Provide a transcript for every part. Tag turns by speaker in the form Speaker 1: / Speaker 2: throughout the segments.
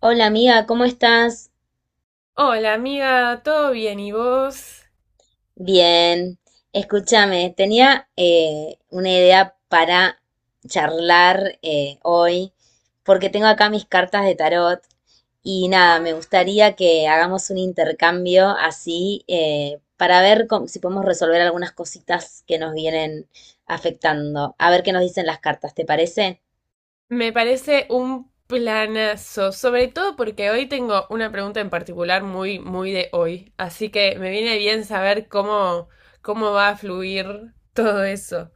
Speaker 1: Hola amiga, ¿cómo estás?
Speaker 2: Hola amiga, ¿todo bien? ¿Y vos?
Speaker 1: Bien. Escúchame, tenía una idea para charlar hoy, porque tengo acá mis cartas de tarot y nada, me
Speaker 2: Ah.
Speaker 1: gustaría que hagamos un intercambio así para ver si podemos resolver algunas cositas que nos vienen afectando. A ver qué nos dicen las cartas, ¿te parece?
Speaker 2: Me parece un planazo, sobre todo porque hoy tengo una pregunta en particular muy, muy de hoy, así que me viene bien saber cómo, cómo va a fluir todo eso.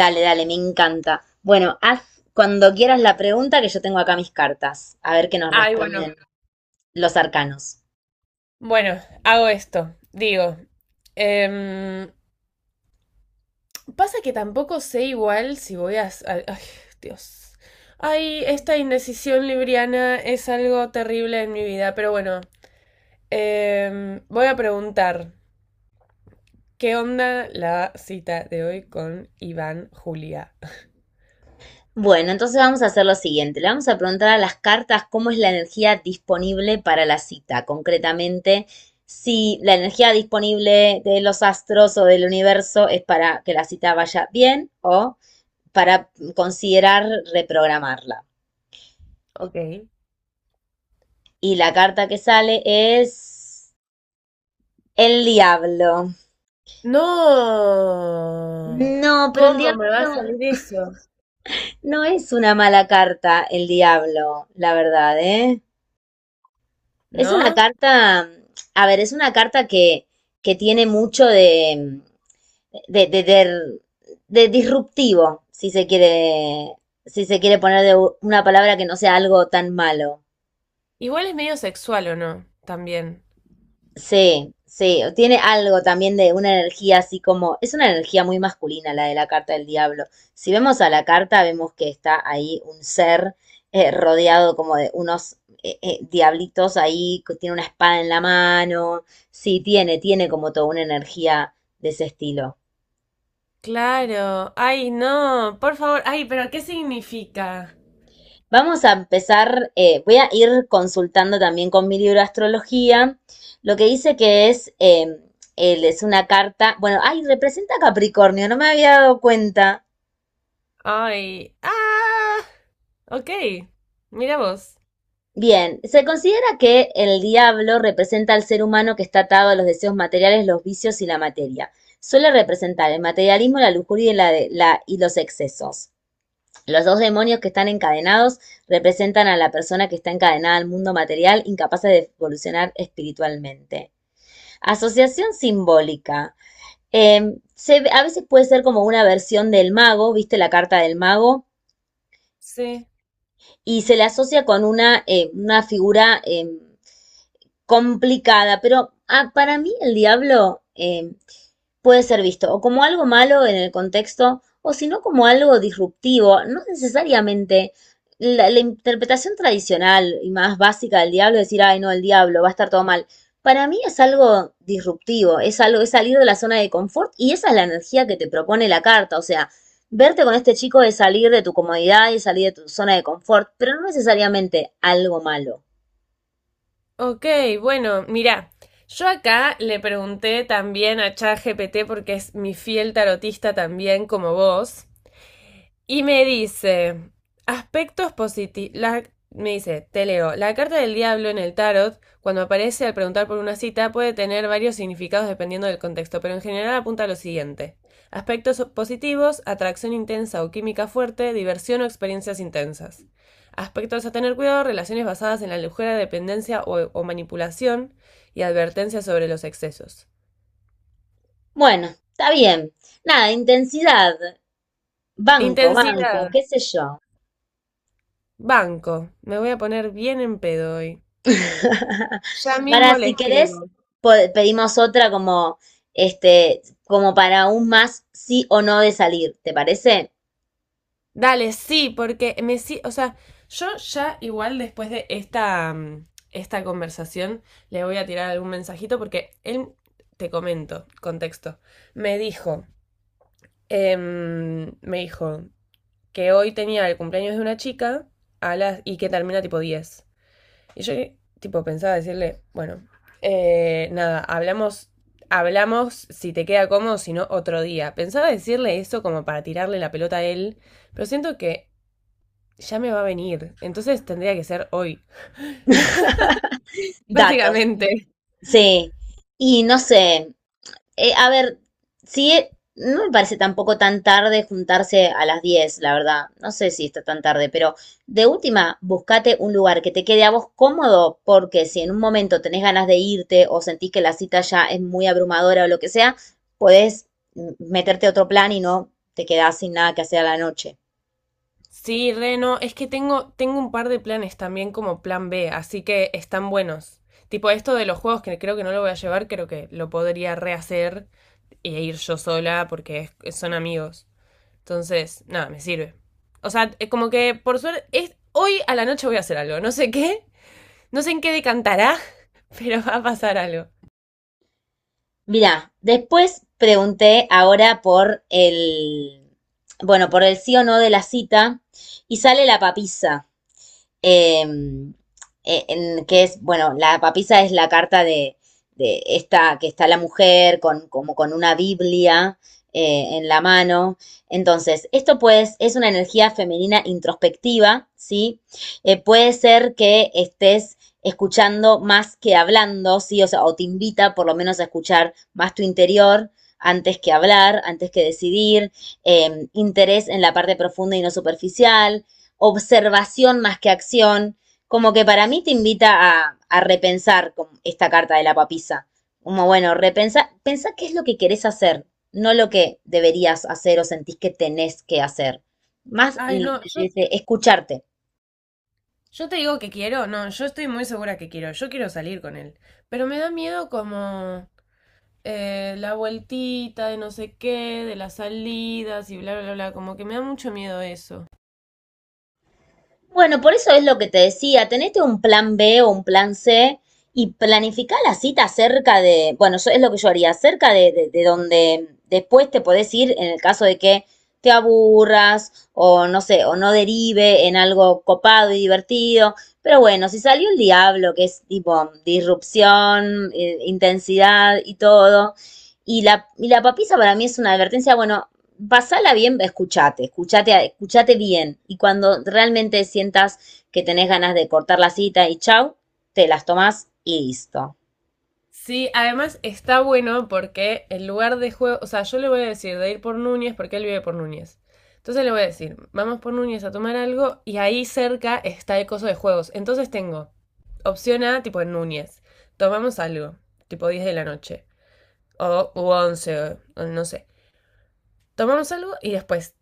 Speaker 1: Dale, dale, me encanta. Bueno, haz cuando quieras la pregunta que yo tengo acá mis cartas, a ver qué nos
Speaker 2: Ay, bueno,
Speaker 1: responden. Los arcanos.
Speaker 2: bueno, hago esto, digo, em, pasa que tampoco sé igual si voy a... s- al- Ay, Dios. Ay, esta indecisión libriana es algo terrible en mi vida, pero bueno, Em, voy a preguntar, ¿qué onda la cita de hoy con Iván Julia?
Speaker 1: Bueno, entonces vamos a hacer lo siguiente. Le vamos a preguntar a las cartas cómo es la energía disponible para la cita. Concretamente, si la energía disponible de los astros o del universo es para que la cita vaya bien o para considerar reprogramarla.
Speaker 2: Ok.
Speaker 1: Y la carta que sale es el diablo.
Speaker 2: No,
Speaker 1: No, pero el
Speaker 2: ¿cómo
Speaker 1: diablo
Speaker 2: me va a salir eso?
Speaker 1: no es una mala carta, el diablo, la verdad, ¿eh? Es una
Speaker 2: ¿No?
Speaker 1: carta, a ver, es una carta que tiene mucho de, de, de, de- de disruptivo, si se quiere, si se quiere poner de una palabra que no sea algo tan malo.
Speaker 2: Igual es medio sexual o no, también.
Speaker 1: Sí, sí, tiene algo también de una energía así como, es una energía muy masculina la de la carta del diablo. Si vemos a la carta, vemos que está ahí un ser rodeado como de unos diablitos ahí, que tiene una espada en la mano. Sí, tiene como toda una energía de ese estilo.
Speaker 2: Claro, ay, no, por favor, ay, pero ¿qué significa?
Speaker 1: Vamos a empezar, voy a ir consultando también con mi libro de astrología, lo que dice que es, él es una carta, bueno, ay, representa a Capricornio, no me había dado cuenta.
Speaker 2: Ay, ah, ok, mira vos,
Speaker 1: Bien, se considera que el diablo representa al ser humano que está atado a los deseos materiales, los vicios y la materia. Suele representar el materialismo, la lujuria y los excesos. Los dos demonios que están encadenados representan a la persona que está encadenada al mundo material, incapaz de evolucionar espiritualmente. Asociación simbólica. A veces puede ser como una versión del mago, ¿viste la carta del mago?
Speaker 2: sí.
Speaker 1: Y se le asocia con una figura complicada, pero ah, para mí el diablo puede ser visto o como algo malo en el contexto o si no como algo disruptivo, no necesariamente. La interpretación tradicional y más básica del diablo es decir, ay no, el diablo, va a estar todo mal. Para mí es algo disruptivo, es algo, es salir de la zona de confort y esa es la energía que te propone la carta. O sea, verte con este chico es salir de tu comodidad y salir de tu zona de confort, pero no necesariamente algo malo.
Speaker 2: Ok, bueno, mira, yo acá le pregunté también a ChatGPT porque es mi fiel tarotista también como vos. Y me dice, aspectos positivos. Me dice, te leo, la carta del diablo en el tarot, cuando aparece al preguntar por una cita, puede tener varios significados dependiendo del contexto, pero en general apunta a lo siguiente. Aspectos positivos, atracción intensa o química fuerte, diversión o experiencias intensas. Aspectos a tener cuidado, relaciones basadas en la ligera dependencia o manipulación y advertencias sobre los excesos.
Speaker 1: Bueno, está bien. Nada, intensidad, banco, banco,
Speaker 2: Intensidad,
Speaker 1: qué sé yo.
Speaker 2: banco. Me voy a poner bien en pedo hoy. Ya
Speaker 1: Para
Speaker 2: mismo le
Speaker 1: si querés,
Speaker 2: escribo.
Speaker 1: pedimos otra como este, como para un más sí o no de salir, ¿te parece?
Speaker 2: Dale, sí, porque me sí, o sea, yo ya igual después de esta, mm, esta conversación le voy a tirar algún mensajito porque él, te comento, contexto, me dijo, me dijo que hoy tenía el cumpleaños de una chica a las, y que termina tipo 10. Y yo, tipo, pensaba decirle, bueno, nada, hablamos, hablamos si te queda cómodo, si no, otro día. Pensaba decirle eso como para tirarle la pelota a él, pero siento que ya me va a venir, entonces tendría que ser hoy.
Speaker 1: Datos.
Speaker 2: Básicamente.
Speaker 1: Sí. Y no sé, a ver, sí, no me parece tampoco tan tarde juntarse a las 10, la verdad. No sé si está tan tarde, pero de última, buscate un lugar que te quede a vos cómodo, porque si en un momento tenés ganas de irte o sentís que la cita ya es muy abrumadora o lo que sea, podés meterte a otro plan y no te quedás sin nada que hacer a la noche.
Speaker 2: Sí, Reno, es que tengo, tengo un par de planes también como plan B, así que están buenos. Tipo, esto de los juegos que creo que no lo voy a llevar, creo que lo podría rehacer e ir yo sola porque es- son amigos. Entonces, nada, me sirve. O sea, es como que por suerte, es, hoy a la noche voy a hacer algo. No sé qué, no sé en qué decantará, pero va a pasar algo.
Speaker 1: Mirá, después pregunté ahora por bueno, por el sí o no de la cita y sale la papisa. eh, en, que es, bueno, la papisa es la carta de esta, que está la mujer con, como con una Biblia en la mano. Entonces, esto pues es una energía femenina introspectiva, ¿sí? Puede ser que estés escuchando más que hablando, ¿sí? O sea, o te invita por lo menos a escuchar más tu interior antes que hablar, antes que decidir, interés en la parte profunda y no superficial, observación más que acción, como que para mí te invita a repensar con esta carta de la papisa. Como bueno, repensa, pensá qué es lo que querés hacer, no lo que deberías hacer o sentís que tenés que hacer. Más
Speaker 2: Ay, no,
Speaker 1: desde escucharte.
Speaker 2: yo te digo que quiero, no, yo estoy muy segura que quiero, yo quiero salir con él. Pero me da miedo como la vueltita de no sé qué, de las salidas y bla, bla, bla, como que me da mucho miedo eso.
Speaker 1: Bueno, por eso es lo que te decía, tenete un plan B o un plan C y planificá la cita cerca de, bueno, es lo que yo haría, cerca de de donde después te podés ir en el caso de que te aburras o no sé, o no derive en algo copado y divertido. Pero bueno, si salió el diablo, que es tipo disrupción, intensidad y todo, y la papisa para mí es una advertencia, bueno, pasala bien, escuchate bien. Y cuando realmente sientas que tenés ganas de cortar la cita y chau, te las tomás y listo.
Speaker 2: Sí, además está bueno porque el lugar de juego, o sea, yo le voy a decir de ir por Núñez porque él vive por Núñez. Entonces le voy a decir, vamos por Núñez a tomar algo y ahí cerca está el coso de juegos. Entonces tengo opción A, tipo en Núñez, tomamos algo, tipo 10 de la noche, o, u 11, o no sé. Tomamos algo y después,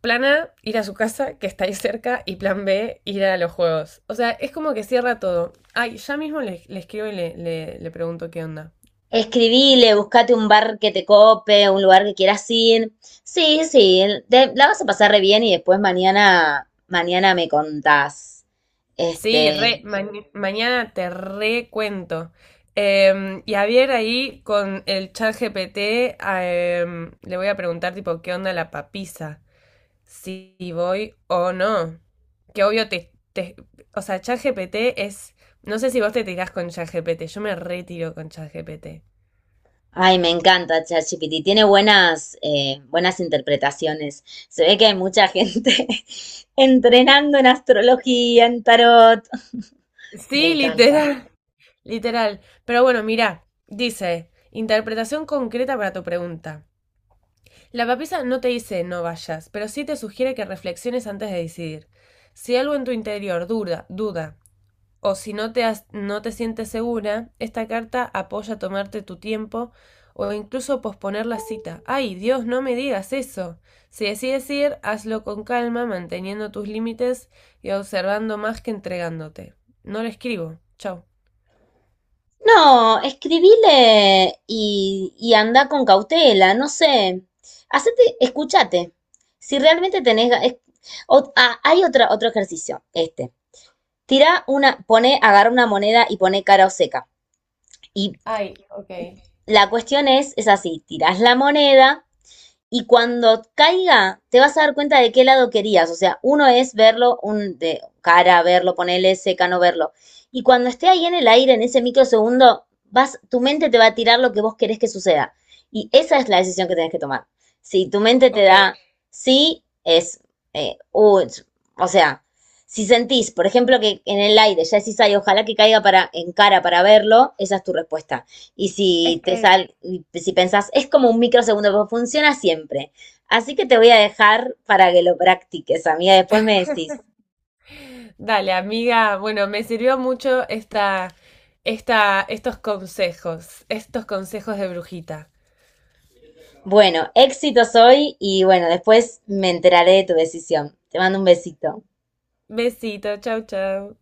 Speaker 2: plan A, ir a su casa que está ahí cerca y plan B, ir a los juegos. O sea, es como que cierra todo. Ay, ya mismo le escribo y le pregunto qué onda.
Speaker 1: Escribile, buscate un bar que te cope, un lugar que quieras ir. Sí, sí, la vas a pasar re bien y después mañana, mañana me contás.
Speaker 2: Sí,
Speaker 1: Este,
Speaker 2: re, ma- mañana te recuento. Em, y a ver ahí con el chat GPT, le voy a preguntar tipo qué onda la papisa, si voy o no. Que obvio o sea, chat GPT es, no sé si vos te tirás con chat GPT, yo me retiro con chat GPT.
Speaker 1: Ay, me encanta ChatGPT. Tiene buenas, buenas interpretaciones. Se ve que hay mucha gente entrenando en astrología, en tarot. Me
Speaker 2: Sí,
Speaker 1: encanta.
Speaker 2: literal, literal. Pero bueno, mira, dice, interpretación concreta para tu pregunta. La papisa no te dice no vayas, pero sí te sugiere que reflexiones antes de decidir. Si algo en tu interior duda, duda, o si no te, has- no te sientes segura, esta carta apoya tomarte tu tiempo o incluso posponer la cita. Ay, Dios, no me digas eso. Si decides ir, hazlo con calma, manteniendo tus límites y observando más que entregándote. No le escribo. Chau.
Speaker 1: No, escribile y anda con cautela, no sé. Hacete, escúchate. Si realmente tenés... ga- es- o- ah, hay otra, otro ejercicio, este. Tira una, pone, agarra una moneda y pone cara o seca. Y
Speaker 2: Ay, ok.
Speaker 1: la cuestión es así, tirás la moneda. Y cuando caiga, te vas a dar cuenta de qué lado querías. O sea, uno es verlo, un de cara, verlo, ponerle seca, no verlo. Y cuando esté ahí en el aire, en ese microsegundo, vas, tu mente te va a tirar lo que vos querés que suceda. Y esa es la decisión que tenés que tomar. Si tu mente te da
Speaker 2: Ok.
Speaker 1: sí, es, eh, uh, o sea, si sentís, por ejemplo, que en el aire ya decís, ay, ojalá que caiga para, en cara para verlo, esa es tu respuesta. Y
Speaker 2: Es que
Speaker 1: y si pensás, es como un microsegundo, pero funciona siempre. Así que te voy a dejar para que lo practiques, amiga. Después me decís,
Speaker 2: dale, amiga. Bueno, me sirvió mucho esta, esta, estos consejos de brujita.
Speaker 1: bueno, éxitos hoy y bueno, después me enteraré de tu decisión. Te mando un besito.
Speaker 2: Besito, chau, chau.